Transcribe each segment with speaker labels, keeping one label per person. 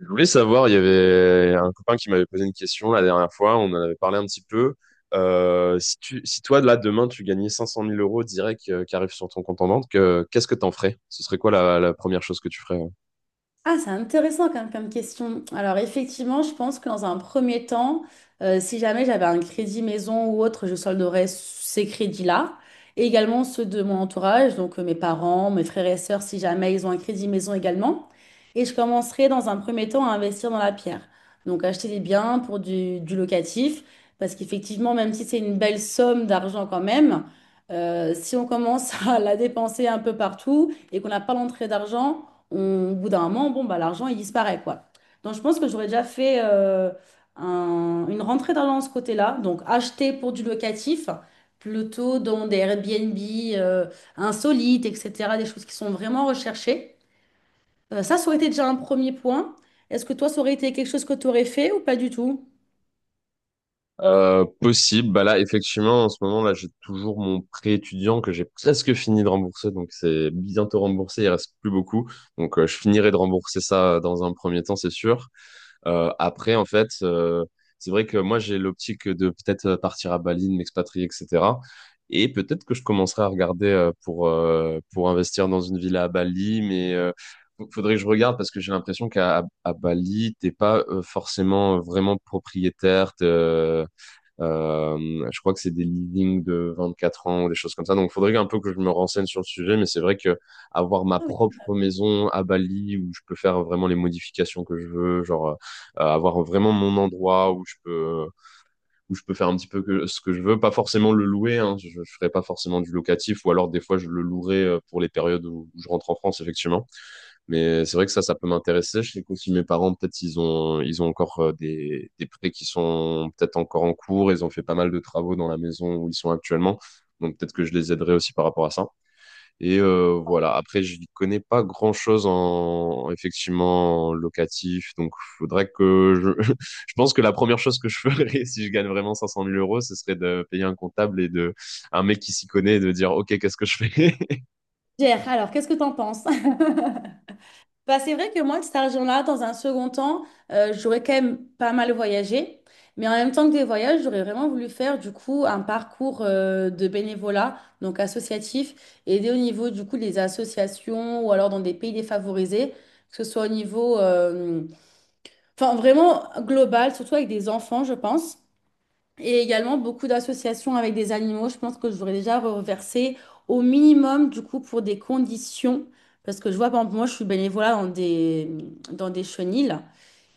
Speaker 1: Je voulais savoir, il y avait un copain qui m'avait posé une question la dernière fois, on en avait parlé un petit peu. Si toi, là, demain, tu gagnais 500 000 euros direct qui arrivent sur ton compte en banque, qu'est-ce que t'en ferais? Ce serait quoi la première chose que tu ferais? Ouais.
Speaker 2: Ah, c'est intéressant quand même comme question. Alors effectivement, je pense que dans un premier temps, si jamais j'avais un crédit maison ou autre, je solderais ces crédits-là. Et également ceux de mon entourage, donc mes parents, mes frères et sœurs, si jamais ils ont un crédit maison également. Et je commencerai dans un premier temps à investir dans la pierre. Donc acheter des biens pour du locatif, parce qu'effectivement, même si c'est une belle somme d'argent quand même, si on commence à la dépenser un peu partout et qu'on n'a pas l'entrée d'argent, au bout d'un moment, bon, bah, l'argent, il disparaît, quoi. Donc, je pense que j'aurais déjà fait une rentrée d'argent de ce côté-là. Donc, acheter pour du locatif, plutôt dans des Airbnb euh, insolites, etc., des choses qui sont vraiment recherchées. Ça, ça aurait été déjà un premier point. Est-ce que toi, ça aurait été quelque chose que tu aurais fait ou pas du tout?
Speaker 1: Possible, bah là, effectivement, en ce moment, là, j'ai toujours mon prêt étudiant que j'ai presque fini de rembourser, donc c'est bientôt remboursé, il reste plus beaucoup. Donc, je finirai de rembourser ça dans un premier temps, c'est sûr. Après, en fait, c'est vrai que moi, j'ai l'optique de peut-être partir à Bali, de m'expatrier, etc. Et peut-être que je commencerai à regarder pour investir dans une villa à Bali, mais faudrait que je regarde parce que j'ai l'impression qu'à Bali, t'es pas forcément vraiment propriétaire. Je crois que c'est des leadings de 24 ans ou des choses comme ça. Donc, il faudrait un peu que je me renseigne sur le sujet, mais c'est vrai que avoir ma
Speaker 2: Ah oui.
Speaker 1: propre maison à Bali où je peux faire vraiment les modifications que je veux, genre avoir vraiment mon endroit où je peux faire un petit peu ce que je veux, pas forcément le louer. Hein, je ferai pas forcément du locatif, ou alors des fois je le louerai pour les périodes où je rentre en France, effectivement. Mais c'est vrai que ça peut m'intéresser. Je sais qu'aussi mes parents, peut-être, ils ont encore des prêts qui sont peut-être encore en cours. Ils ont fait pas mal de travaux dans la maison où ils sont actuellement. Donc peut-être que je les aiderai aussi par rapport à ça. Et voilà. Après, je n'y connais pas grand-chose en, effectivement en locatif. Donc faudrait je pense que la première chose que je ferais si je gagne vraiment 500 000 euros, ce serait de payer un comptable et de un mec qui s'y connaît et de dire, OK, qu'est-ce que je fais?
Speaker 2: Gère, alors, qu'est-ce que tu en penses? Bah, c'est vrai que moi, de cet argent-là, dans un second temps, j'aurais quand même pas mal voyagé. Mais en même temps que des voyages, j'aurais vraiment voulu faire du coup un parcours de bénévolat, donc associatif, aider au niveau du coup des associations ou alors dans des pays défavorisés, que ce soit au niveau, enfin vraiment global, surtout avec des enfants, je pense. Et également beaucoup d'associations avec des animaux. Je pense que j'aurais déjà reversé au minimum, du coup, pour des conditions. Parce que je vois, par exemple, moi, je suis bénévolat dans des chenils.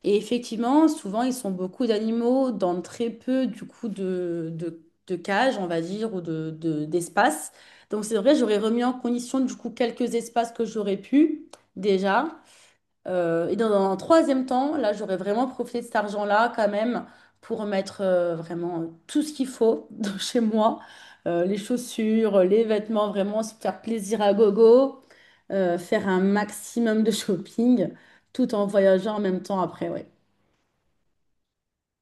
Speaker 2: Et effectivement, souvent, ils sont beaucoup d'animaux dans très peu, du coup, de cages, on va dire, ou d'espace. Donc, c'est vrai, j'aurais remis en condition, du coup, quelques espaces que j'aurais pu, déjà. Et dans un troisième temps, là, j'aurais vraiment profité de cet argent-là quand même pour mettre vraiment tout ce qu'il faut chez moi. Les chaussures, les vêtements, vraiment se faire plaisir à gogo, faire un maximum de shopping tout en voyageant en même temps après, ouais.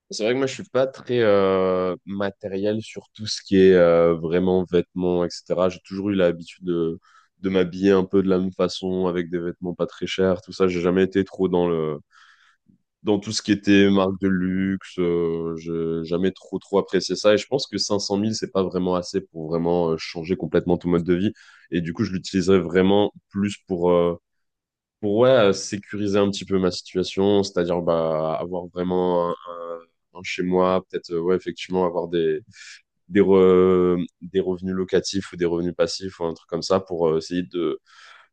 Speaker 1: C'est vrai que moi, je suis pas très matériel sur tout ce qui est vraiment vêtements, etc. J'ai toujours eu l'habitude de m'habiller un peu de la même façon, avec des vêtements pas très chers, tout ça. J'ai jamais été trop dans tout ce qui était marque de luxe. J'ai jamais trop trop apprécié ça. Et je pense que 500 000, c'est pas vraiment assez pour vraiment changer complètement ton mode de vie. Et du coup, je l'utiliserais vraiment plus pour ouais, sécuriser un petit peu ma situation, c'est-à-dire bah, avoir vraiment un chez moi, peut-être ouais, effectivement avoir des revenus locatifs ou des revenus passifs ou un truc comme ça pour essayer de,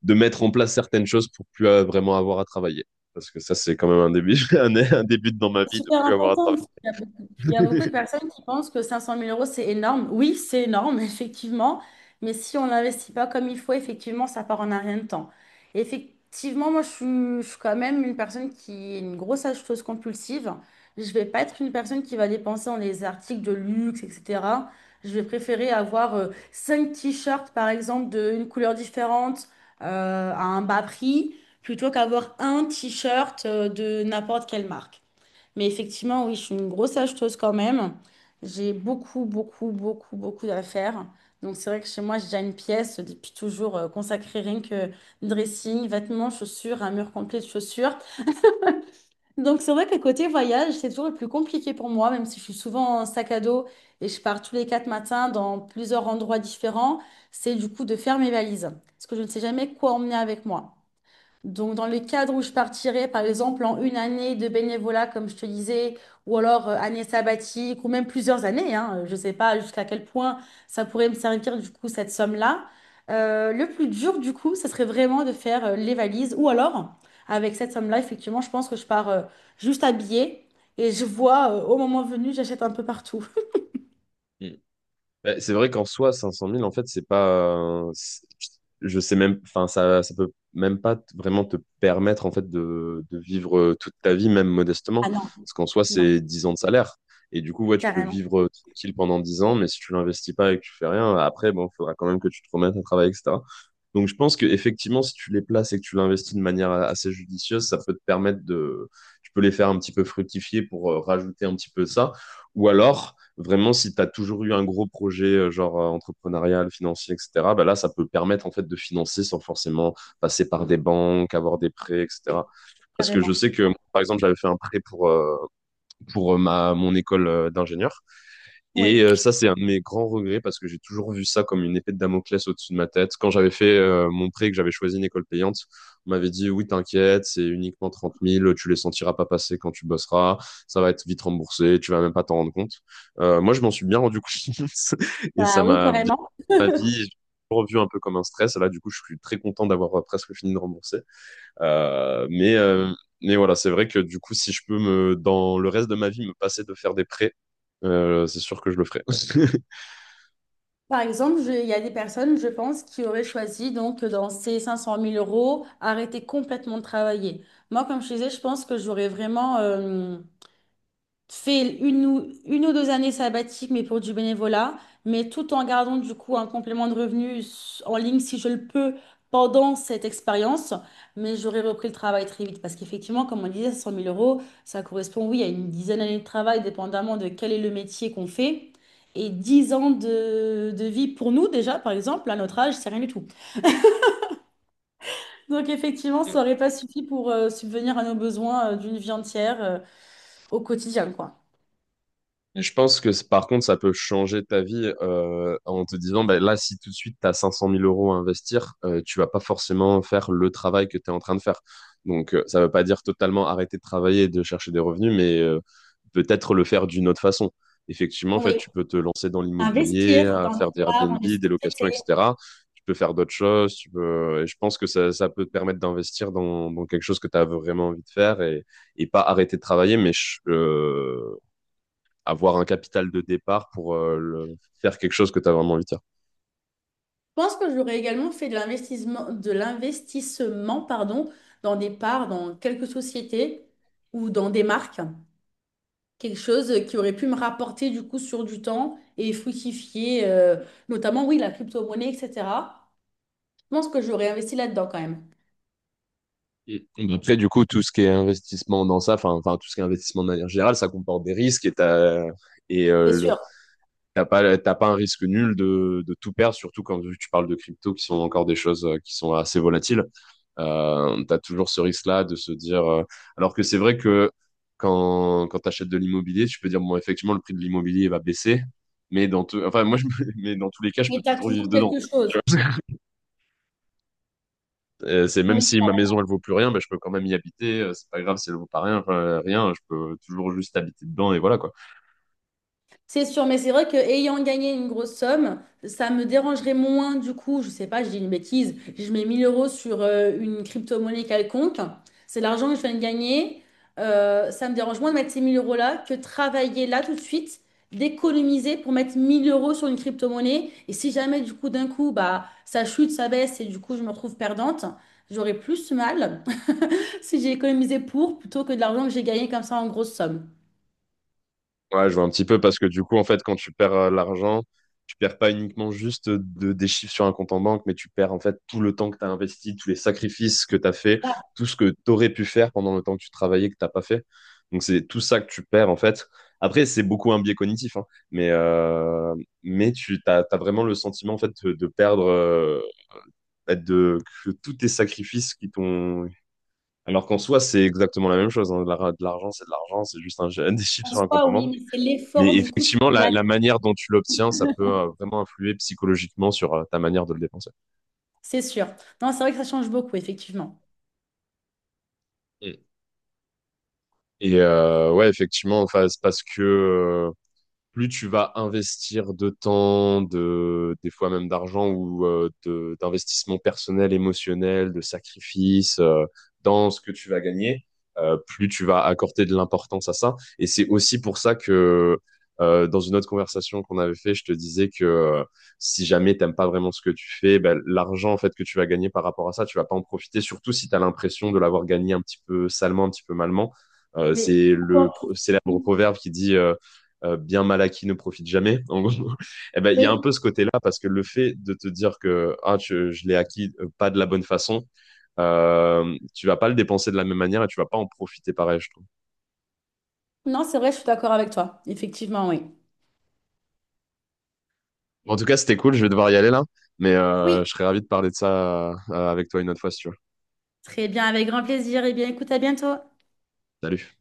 Speaker 1: de mettre en place certaines choses pour plus vraiment avoir à travailler. Parce que ça, c'est quand même un début, un début dans ma vie
Speaker 2: C'est
Speaker 1: de
Speaker 2: super
Speaker 1: plus avoir à
Speaker 2: important, parce qu'il y a beaucoup de
Speaker 1: travailler.
Speaker 2: personnes qui pensent que 500 000 euros, c'est énorme. Oui, c'est énorme, effectivement. Mais si on n'investit pas comme il faut, effectivement, ça part en un rien de temps. Effectivement, moi, je suis quand même une personne qui est une grosse acheteuse compulsive. Je ne vais pas être une personne qui va dépenser dans les articles de luxe, etc. Je vais préférer avoir cinq t-shirts, par exemple, d'une couleur différente, à un bas prix, plutôt qu'avoir un t-shirt de n'importe quelle marque. Mais effectivement, oui, je suis une grosse acheteuse quand même. J'ai beaucoup, beaucoup, beaucoup, beaucoup d'affaires. Donc c'est vrai que chez moi, j'ai déjà une pièce depuis toujours consacrée rien que dressing, vêtements, chaussures, un mur complet de chaussures. Donc c'est vrai que côté voyage, c'est toujours le plus compliqué pour moi, même si je suis souvent en sac à dos et je pars tous les quatre matins dans plusieurs endroits différents, c'est du coup de faire mes valises. Parce que je ne sais jamais quoi emmener avec moi. Donc, dans les cadres où je partirais, par exemple, en une année de bénévolat, comme je te disais, ou alors année sabbatique, ou même plusieurs années, hein, je ne sais pas jusqu'à quel point ça pourrait me servir, du coup, cette somme-là. Le plus dur, du coup, ça serait vraiment de faire les valises, ou alors, avec cette somme-là, effectivement, je pense que je pars juste habillée et je vois, au moment venu, j'achète un peu partout.
Speaker 1: Bah, c'est vrai qu'en soi, 500 000, en fait, c'est pas, je sais même. Enfin, ça peut même pas vraiment te permettre, en fait, de vivre toute ta vie, même modestement.
Speaker 2: Ah non,
Speaker 1: Parce qu'en soi,
Speaker 2: non,
Speaker 1: c'est 10 ans de salaire. Et du coup, ouais, tu peux
Speaker 2: carrément.
Speaker 1: vivre tranquille pendant 10 ans, mais si tu l'investis pas et que tu fais rien, après, bon, faudra quand même que tu te remettes à travailler, etc. Donc, je pense que effectivement, si tu les places et que tu l'investis de manière assez judicieuse, ça peut te permettre de. Tu peux les faire un petit peu fructifier pour rajouter un petit peu de ça. Ou alors vraiment, si tu as toujours eu un gros projet, genre entrepreneurial, financier, etc., bah là, ça peut permettre en fait de financer sans forcément passer par des banques, avoir des prêts, etc.
Speaker 2: Oui,
Speaker 1: Parce que je
Speaker 2: carrément.
Speaker 1: sais que, par exemple, j'avais fait un prêt pour mon école d'ingénieur. Et
Speaker 2: Oui,
Speaker 1: ça, c'est un de mes grands regrets parce que j'ai toujours vu ça comme une épée de Damoclès au-dessus de ma tête. Quand j'avais fait mon prêt et que j'avais choisi une école payante, on m'avait dit, oui, t'inquiète, c'est uniquement 30 000. Tu les sentiras pas passer quand tu bosseras, ça va être vite remboursé, tu vas même pas t'en rendre compte. Moi, je m'en suis bien rendu compte et ça
Speaker 2: bah oui,
Speaker 1: m'a bien
Speaker 2: carrément.
Speaker 1: ma vie, j'ai revu un peu comme un stress. Et là, du coup, je suis très content d'avoir presque fini de rembourser. Euh, mais euh, mais voilà, c'est vrai que du coup, si je peux me, dans le reste de ma vie, me passer de faire des prêts, c'est sûr que je le ferai.
Speaker 2: Par exemple, il y a des personnes, je pense, qui auraient choisi, donc, dans ces 500 000 euros, arrêter complètement de travailler. Moi, comme je disais, je pense que j'aurais vraiment fais une ou deux années sabbatiques, mais pour du bénévolat, mais tout en gardant du coup un complément de revenus en ligne si je le peux pendant cette expérience. Mais j'aurais repris le travail très vite parce qu'effectivement, comme on disait, 100 000 euros, ça correspond, oui, à une dizaine d'années de travail, dépendamment de quel est le métier qu'on fait. Et 10 ans de vie pour nous déjà, par exemple, à notre âge, c'est rien du tout. Donc effectivement, ça n'aurait pas suffi pour subvenir à nos besoins d'une vie entière au quotidien, quoi.
Speaker 1: Et je pense que par contre, ça peut changer ta vie en te disant, ben là, si tout de suite, tu as 500 000 euros à investir, tu vas pas forcément faire le travail que tu es en train de faire. Donc, ça veut pas dire totalement arrêter de travailler et de chercher des revenus, mais peut-être le faire d'une autre façon. Effectivement, en fait,
Speaker 2: Oui.
Speaker 1: tu peux te lancer dans l'immobilier,
Speaker 2: Investir
Speaker 1: à
Speaker 2: dans les
Speaker 1: faire des
Speaker 2: arts,
Speaker 1: Airbnb,
Speaker 2: dans les
Speaker 1: des locations,
Speaker 2: sociétés.
Speaker 1: etc. Tu peux faire d'autres choses. Tu peux. Et je pense que ça peut te permettre d'investir dans quelque chose que tu as vraiment envie de faire et pas arrêter de travailler, mais avoir un capital de départ pour faire quelque chose que tu as vraiment envie de faire.
Speaker 2: Je pense que j'aurais également fait de l'investissement, pardon, dans des parts, dans quelques sociétés ou dans des marques. Quelque chose qui aurait pu me rapporter du coup sur du temps et fructifier, notamment, oui, la crypto-monnaie, etc. Je pense que j'aurais investi là-dedans quand même.
Speaker 1: Et après, du coup, tout ce qui est investissement dans ça, enfin, tout ce qui est investissement de manière générale, ça comporte des risques et t'as, et
Speaker 2: C'est
Speaker 1: le-
Speaker 2: sûr.
Speaker 1: t'as pas un risque nul de tout perdre, surtout quand tu parles de crypto, qui sont encore des choses qui sont assez volatiles. T'as toujours ce risque-là de se dire, alors que c'est vrai que quand t'achètes de l'immobilier, tu peux dire, bon, effectivement, le prix de l'immobilier va baisser, mais dans tout, enfin, moi, je me- mais dans tous les cas, je
Speaker 2: Mais
Speaker 1: peux
Speaker 2: tu as
Speaker 1: toujours vivre
Speaker 2: toujours
Speaker 1: dedans.
Speaker 2: quelque chose.
Speaker 1: C'est même
Speaker 2: Oui.
Speaker 1: si ma maison elle vaut plus rien, ben, je peux quand même y habiter. C'est pas grave si elle vaut pas rien, enfin, rien. Je peux toujours juste habiter dedans et voilà quoi.
Speaker 2: C'est sûr, mais c'est vrai que ayant gagné une grosse somme, ça me dérangerait moins du coup, je sais pas, je dis une bêtise, je mets 1 000 euros sur une crypto-monnaie quelconque, c'est l'argent que je viens de gagner, ça me dérange moins de mettre ces 1 000 euros là que travailler là tout de suite, d'économiser pour mettre 1 000 euros sur une crypto-monnaie, et si jamais du coup d'un coup, bah, ça chute, ça baisse, et du coup je me retrouve perdante, j'aurais plus mal si j'ai économisé pour plutôt que de l'argent que j'ai gagné comme ça en grosse somme.
Speaker 1: Ouais, je vois un petit peu parce que du coup en fait quand tu perds l'argent, tu perds pas uniquement juste des chiffres sur un compte en banque, mais tu perds en fait tout le temps que tu as investi, tous les sacrifices que tu as fait, tout ce que tu aurais pu faire pendant le temps que tu travaillais que t'as pas fait. Donc c'est tout ça que tu perds en fait. Après c'est beaucoup un biais cognitif, hein, mais euh, mais t'as vraiment le sentiment en fait de perdre, de, que tous tes sacrifices qui t'ont. Alors qu'en soi, c'est exactement la même chose, hein. De l'argent, c'est de l'argent, c'est juste des chiffres
Speaker 2: En
Speaker 1: sur un compte
Speaker 2: soi,
Speaker 1: en
Speaker 2: oui,
Speaker 1: banque.
Speaker 2: mais c'est
Speaker 1: Mais
Speaker 2: l'effort du coup qui.
Speaker 1: effectivement, la manière dont tu l'obtiens, ça peut vraiment influer psychologiquement sur ta manière de le dépenser.
Speaker 2: C'est sûr. Non, c'est vrai que ça change beaucoup, effectivement.
Speaker 1: Mm. Et ouais, effectivement, enfin, c'est parce que plus tu vas investir de temps, des fois même d'argent ou d'investissement personnel, émotionnel, de sacrifice dans ce que tu vas gagner, plus tu vas accorder de l'importance à ça. Et c'est aussi pour ça que dans une autre conversation qu'on avait fait, je te disais que si jamais t'aimes pas vraiment ce que tu fais, ben, l'argent en fait que tu vas gagner par rapport à ça, tu vas pas en profiter, surtout si tu as l'impression de l'avoir gagné un petit peu salement, un petit peu malement. Euh,
Speaker 2: Oui.
Speaker 1: c'est le
Speaker 2: Quand
Speaker 1: célèbre
Speaker 2: tu-
Speaker 1: proverbe qui dit bien mal acquis ne profite jamais. En gros, eh ben il y a un
Speaker 2: Oui,
Speaker 1: peu ce côté-là parce que le fait de te dire que ah je l'ai acquis pas de la bonne façon, tu vas pas le dépenser de la même manière et tu vas pas en profiter pareil, je trouve.
Speaker 2: non, c'est vrai, je suis d'accord avec toi. Effectivement, oui.
Speaker 1: Bon, en tout cas, c'était cool. Je vais devoir y aller là, mais
Speaker 2: Oui.
Speaker 1: je serais ravi de parler de ça avec toi une autre fois si tu veux.
Speaker 2: Très bien, avec grand plaisir. Eh bien, écoute, à bientôt.
Speaker 1: Salut.